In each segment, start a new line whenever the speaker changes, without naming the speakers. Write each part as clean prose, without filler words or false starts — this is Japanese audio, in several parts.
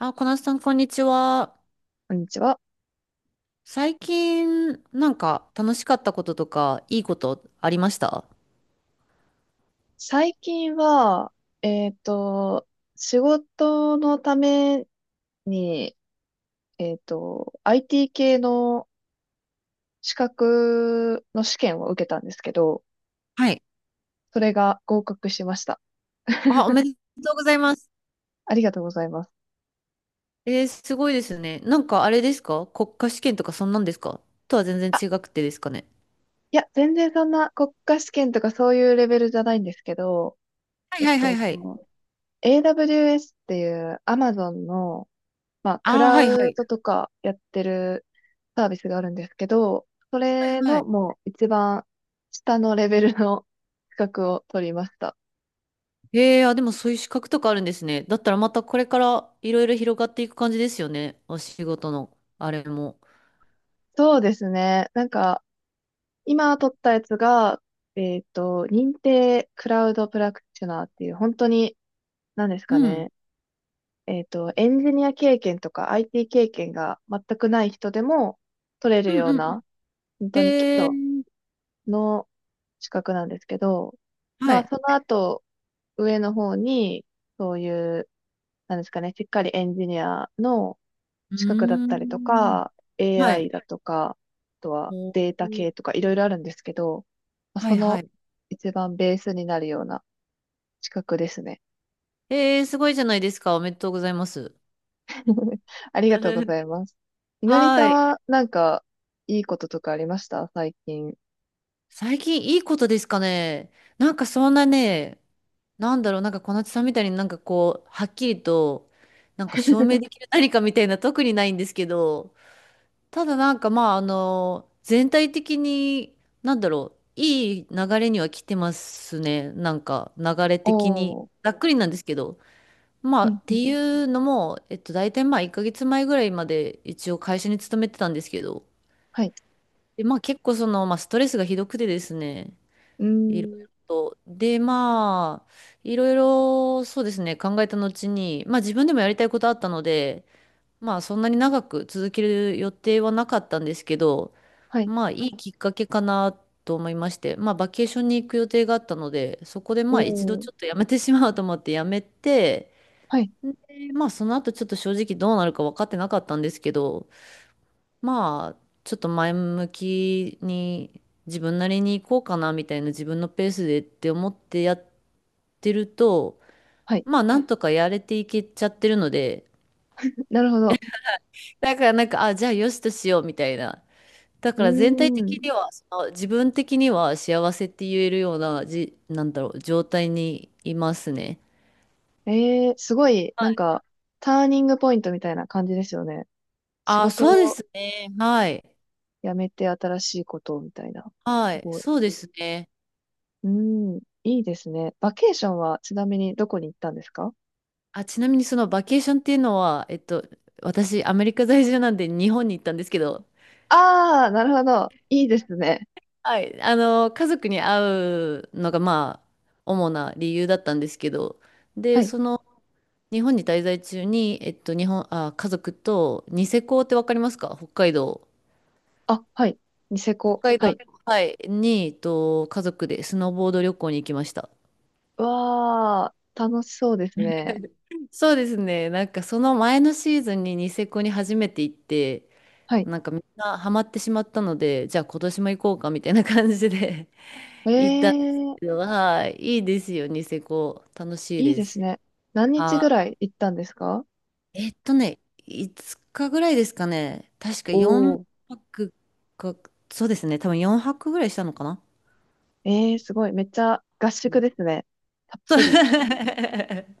あ、小夏さん、こんにちは。
こんにちは。
最近、楽しかったこととか、いいことありました？
最近は、えっと、仕事のために、IT 系の資格の試験を受けたんですけど、
はい。
それが合格しました。
あ、おめでとうございます。
ありがとうございます。
すごいですね。あれですか？国家試験とか、そんなんですか？とは全然
あ、
違くてですかね。
いや、全然そんな国家試験とかそういうレベルじゃないんですけど、
はい
えっ
はいはい
と、
はい。
AWS っていう Amazon のまあ、ク
あー
ラ
はいは
ウ
い。
ドとかやってるサービスがあるんですけど、そ
はい
れ
は
の
い。
もう一番下のレベルの資格を取りました。
えー、あ、でもそういう資格とかあるんですね。だったらまたこれからいろいろ広がっていく感じですよね。お仕事の、あれも。
そうですね。なんか、今取ったやつが、認定クラウドプラクティショナーっていう、本当に、何です
う
か
ん。
ね。エンジニア経験とか IT 経験が全くない人でも取れる
うん
よう
うんうん。
な、本当に基
え
礎
ー、
の資格なんですけど、
は
まあ、
い。
その後、上の方に、そういう、なんですかね、しっかりエンジニアの
う
資格だっ
ー
たりと
ん。
か、
は
AI
い。
だとか、あとは
お
データ
ー
系とかいろいろあるんですけど、まあ
は
そ
いは
の
い。
一番ベースになるような資格ですね。
えー、すごいじゃないですか。おめでとうございます。
ありがとうご ざいます。みのりさ
は
ん
い。
はなんかいいこととかありました最近？
最近いいことですかね。なんかそんなね、なんだろう、小夏さんみたいにはっきりと、証明できる何かみたいな特にないんですけど、ただ全体的に、いい流れには来てますね。なんか流れ的に。
おー。
ざっくりなんですけど。
うん
っ
う
て
ん。
いうのも、大体まあ、1ヶ月前ぐらいまで一応会社に勤めてたんですけど、
はい。
で、結構その、まあ、ストレスがひどくてですね、
うー
いろい
ん。
ろと。で、いろいろ、そうですね、考えた後に、自分でもやりたいことあったので、そんなに長く続ける予定はなかったんですけど、
はい。
いいきっかけかなと思いまして、バケーションに行く予定があったので、そこで一度
お
ちょっと
ー。
やめてしまおうと思ってやめて、
はい。
で、その後ちょっと正直どうなるか分かってなかったんですけど、ちょっと前向きに自分なりに行こうかなみたいな、自分のペースでって思ってやってると、
はい。
なんとかやれていけちゃってるので、
なるほど。
だからあ、じゃあよしとしようみたいな。だ
う
から全体
ー
的
ん。
には、その自分的には幸せって言えるような、状態にいますね。
ええ、すごい、
は
なん
い。
か、ターニングポイントみたいな感じですよね。仕
あ、
事
そうで
を
すね。はい。
辞めて新しいことをみたいな。す
はい。
ごい。
そうですね。
うん、いいですね。バケーションはちなみにどこに行ったんですか？
あ、ちなみにそのバケーションっていうのは、私、アメリカ在住なんで日本に行ったんですけど、
ああー、なるほど。いいですね。
はい、あの、家族に会うのが、主な理由だったんですけど、
は
で、
い。
その、日本に滞在中に、えっと、日本、あ、家族と、ニセコってわかりますか？北海道。
あ、はい。ニセ
北
コ。
海
は
道、
い。
はい、に、家族でスノーボード旅行に行きました。
うわあ、楽しそうですね。
そうですね。その前のシーズンにニセコに初めて行って、
はい。
みんなハマってしまったので、じゃあ今年も行こうかみたいな感じで 行ったんです
え
け
え、
ど、はい、いいですよ、ニセコ。楽しい
いい
で
で
す。
すね。何日ぐ
あ、
らい行ったんですか？
えっとね、5日ぐらいですかね。確か
お
4
おー。
泊か、そうですね、多分4泊ぐらいしたのかな。
ええ、すごい。めっちゃ合
う
宿
ん、
ですね。たっ
そう。
ぷり。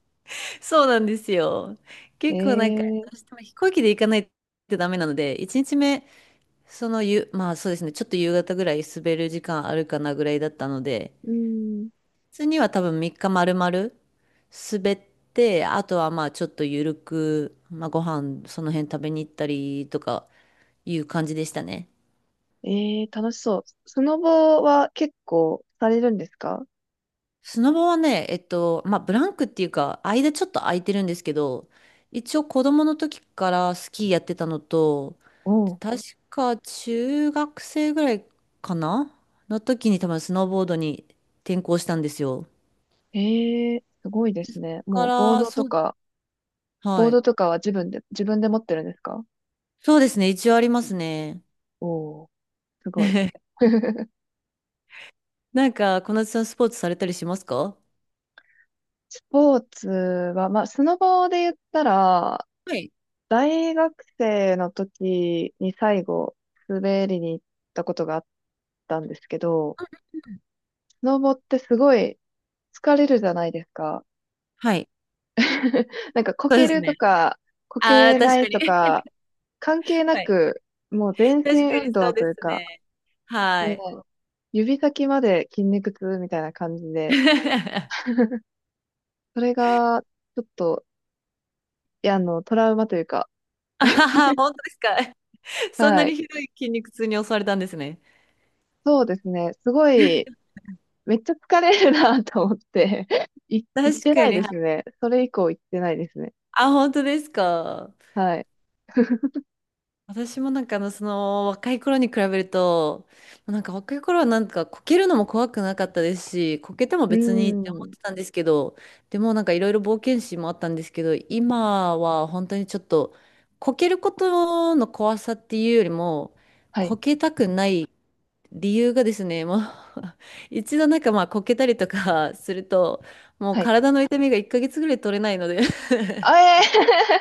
そうなんですよ。結構なんか、
え
どう
え、
しても飛行機で行かないとダメなので、1日目、そのゆ、まあそうですね、ちょっと夕方ぐらい滑る時間あるかなぐらいだったので、
うん。
普通には多分3日丸々滑って、あとはちょっとゆるく、ご飯その辺食べに行ったりとかいう感じでしたね。
ええ、楽しそう。スノボは結構されるんですか？
スノボはね、ブランクっていうか、間ちょっと空いてるんですけど、一応子供の時からスキーやってたのと、で
おう。
確か中学生ぐらいかなの時に多分スノーボードに転向したんですよ。だ
ええ、すごいですね。
か
もうボー
ら、
ド
そ
と
う、
か、ボ
は
ー
い。
ドとかは自分で、自分で持ってるんですか？
そうですね、一応ありますね。
おおう。すごい。
なんか、小夏さんスポーツされたりしますか？
スポーツは、まあ、スノボで言ったら、
はい。
大学生の時に最後、滑りに行ったことがあったんですけど、スノボってすごい疲れるじゃないですか。
はい。
なんかこ
そう
け
です
ると
ね。
か、こ
ああ、
けな
確か
い
に。
とか、関係な
はい。
く、もう全
確
身
か
運
にそ
動
う
と
で
いう
す
か、
ね。は
ね、
い。
指先まで筋肉痛みたいな感じで、それが、ちょっと、いや、あの、トラウマというか、
あはは、本当ですか？そんな
は
に
い。
ひどい筋肉痛に襲われたんですね。
そうですね。すごい、めっちゃ疲れるなと思って、い、行っ
確
て
か
ない
に。
ですね。それ以降行ってないですね。
あ、本当ですか？
はい。
私もその若い頃に比べると、若い頃はこけるのも怖くなかったですし、こけても
うー
別にって思っ
ん。
てたんですけど、でもいろいろ冒険心もあったんですけど、今は本当にちょっと、こけることの怖さっていうよりも、
はい。
こけたくない理由がですね、もう 一度こけたりとかすると、もう
はい。
体の痛みが1ヶ月ぐらい取れないので、
あえ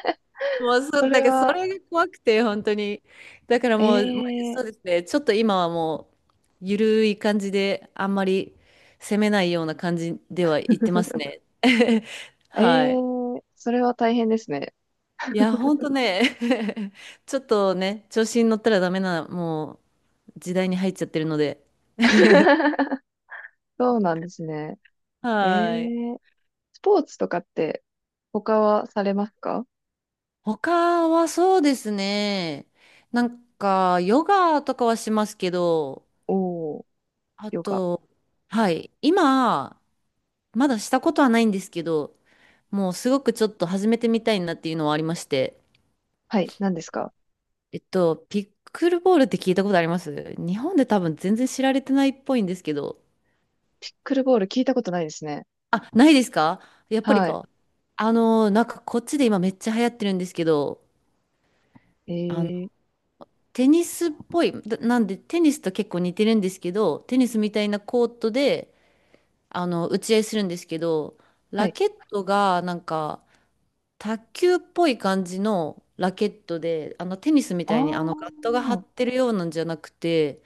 ー。
もう そ
そ
う、だ
れ
からそ
は、
れが怖くて、本当に。だから
え
もう、まあそう
ー、
ですね、ちょっと今はもう、ゆるい感じで、あんまり攻めないような感じでは言ってます ね。
え
はい。
ー、それは大変ですね。
いや、本当ね、ちょっとね、調子に乗ったらダメな、もう、時代に入っちゃってるので。
そうなんですね。え
はい。
ー。スポーツとかって他はされますか？
他はそうですね、ヨガとかはしますけど、
おー、
あ
ヨガ。
と、はい。今、まだしたことはないんですけど、もうすごくちょっと始めてみたいなっていうのはありまして、
はい、何ですか？
ピックルボールって聞いたことあります？日本で多分全然知られてないっぽいんですけど、
ピックルボール聞いたことないですね。
あ、ないですか？やっぱり
はい。
か。こっちで今めっちゃ流行ってるんですけど、
え
あの、
ー、
テニスっぽい、だなんでテニスと結構似てるんですけど、テニスみたいなコートで、あの、打ち合いするんですけど、
は
ラ
い。
ケットがなんか、卓球っぽい感じのラケットで、あのテニスみ
あ
たいにあのガットが張っ
ー、
てるようなんじゃなくて、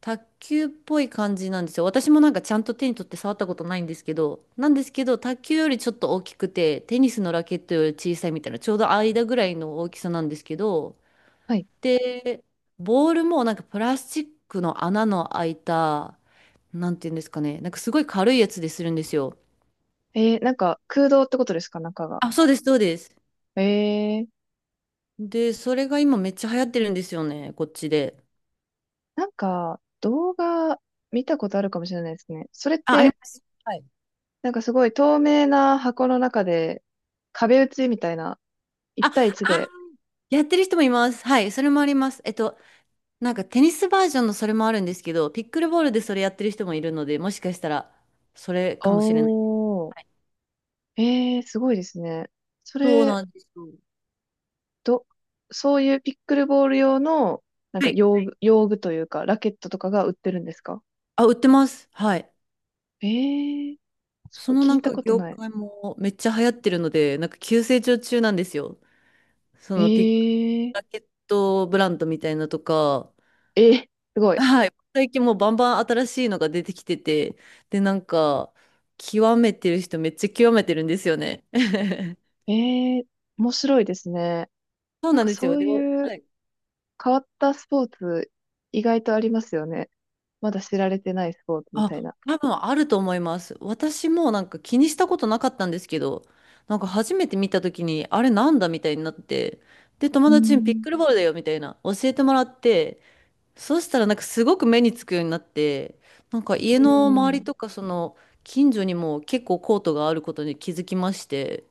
卓球っぽい感じなんですよ。私もなんかちゃんと手に取って触ったことないんですけど、卓球よりちょっと大きくて、テニスのラケットより小さいみたいな、ちょうど間ぐらいの大きさなんですけど、
はい。
で、ボールもなんかプラスチックの穴の開いた、なんていうんですかね、なんかすごい軽いやつでするんですよ。
えー、なんか空洞ってことですか中が？
あ、そうです、そうです。
えー、
で、それが今めっちゃ流行ってるんですよね、こっちで。
なんか動画見たことあるかもしれないですね。それっ
あ、ありま
て、
す。はい。
なんかすごい透明な箱の中で壁打ちみたいな、
あ、
一対一
あ、
で。
やってる人もいます。はい、それもあります。テニスバージョンのそれもあるんですけど、ピックルボールでそれやってる人もいるので、もしかしたらそれ
お
かもしれない。
ー、えー、すごいですね。そ
そう
れ、
なんですよ。
ど、そういうピックルボール用の、なん
は
か
い。
用具、用具というか、ラケットとかが売ってるんですか？
あ、売ってます。はい。
えー、す
そ
ごい、
の
聞
な
い
ん
た
か
こと
業
ない。
界もめっちゃ流行ってるので、なんか急成長中なんですよ。そ
え
のピック
ー、
ラケットブランドみたいなとか、
えー、すごい。
はい。最近もうバンバン新しいのが出てきてて、で、なんか、極めてる人めっちゃ極めてるんですよね。
えー、面白いですね。
そう
なん
なん
か
ですよ。
そう
で、は
いう
い。
変わったスポーツ、意外とありますよね。まだ知られてないスポーツみ
あ、
たいな。
多分あると思います。私もなんか気にしたことなかったんですけど、なんか初めて見た時に、あれなんだみたいになって、で、友
う
達にピッ
ん。
クルボールだよみたいな教えてもらって、そうしたらなんかすごく目につくようになって、なんか家
う
の周り
ん。
とかその近所にも結構コートがあることに気づきまして、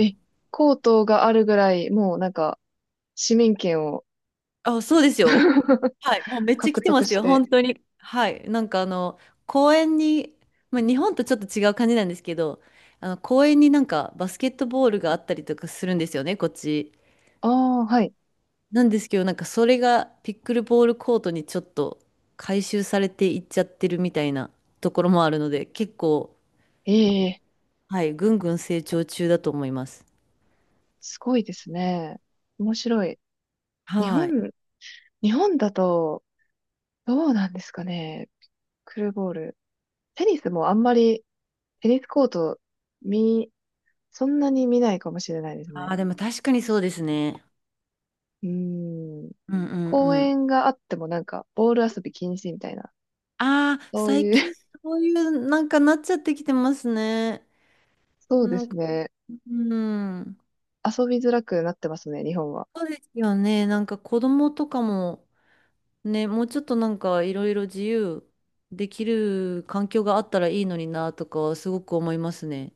え、コートがあるぐらい、もうなんか、市民権を
あ、そうですよ。はい。もうめっちゃ
獲
来てま
得
す
し
よ、
て。
本当に。はい。なんかあの、公園に、まあ、日本とちょっと違う感じなんですけど、あの、公園になんかバスケットボールがあったりとかするんですよね、こっち。
ああ、はい。
なんですけど、なんかそれがピックルボールコートにちょっと回収されていっちゃってるみたいなところもあるので、結構、
ええ、
はい、ぐんぐん成長中だと思います。
すごいですね。面白い。日
はい。
本、日本だと、どうなんですかね。クルーボール。テニスもあんまり、テニスコート、見、そんなに見ないかもしれないです
あ
ね。
あ、でも確かにそうですね。
うーん。
うんうん
公
うん。
園があってもなんか、ボール遊び禁止みたいな。
ああ、
そう
最
い
近
う
そういうなんかなっちゃってきてますね。
そうで
なん
す
か、
ね。
うん。
遊びづらくなってますね、日本は。
そうですよね。なんか子供とかもね、もうちょっとなんかいろいろ自由できる環境があったらいいのになとかはすごく思いますね。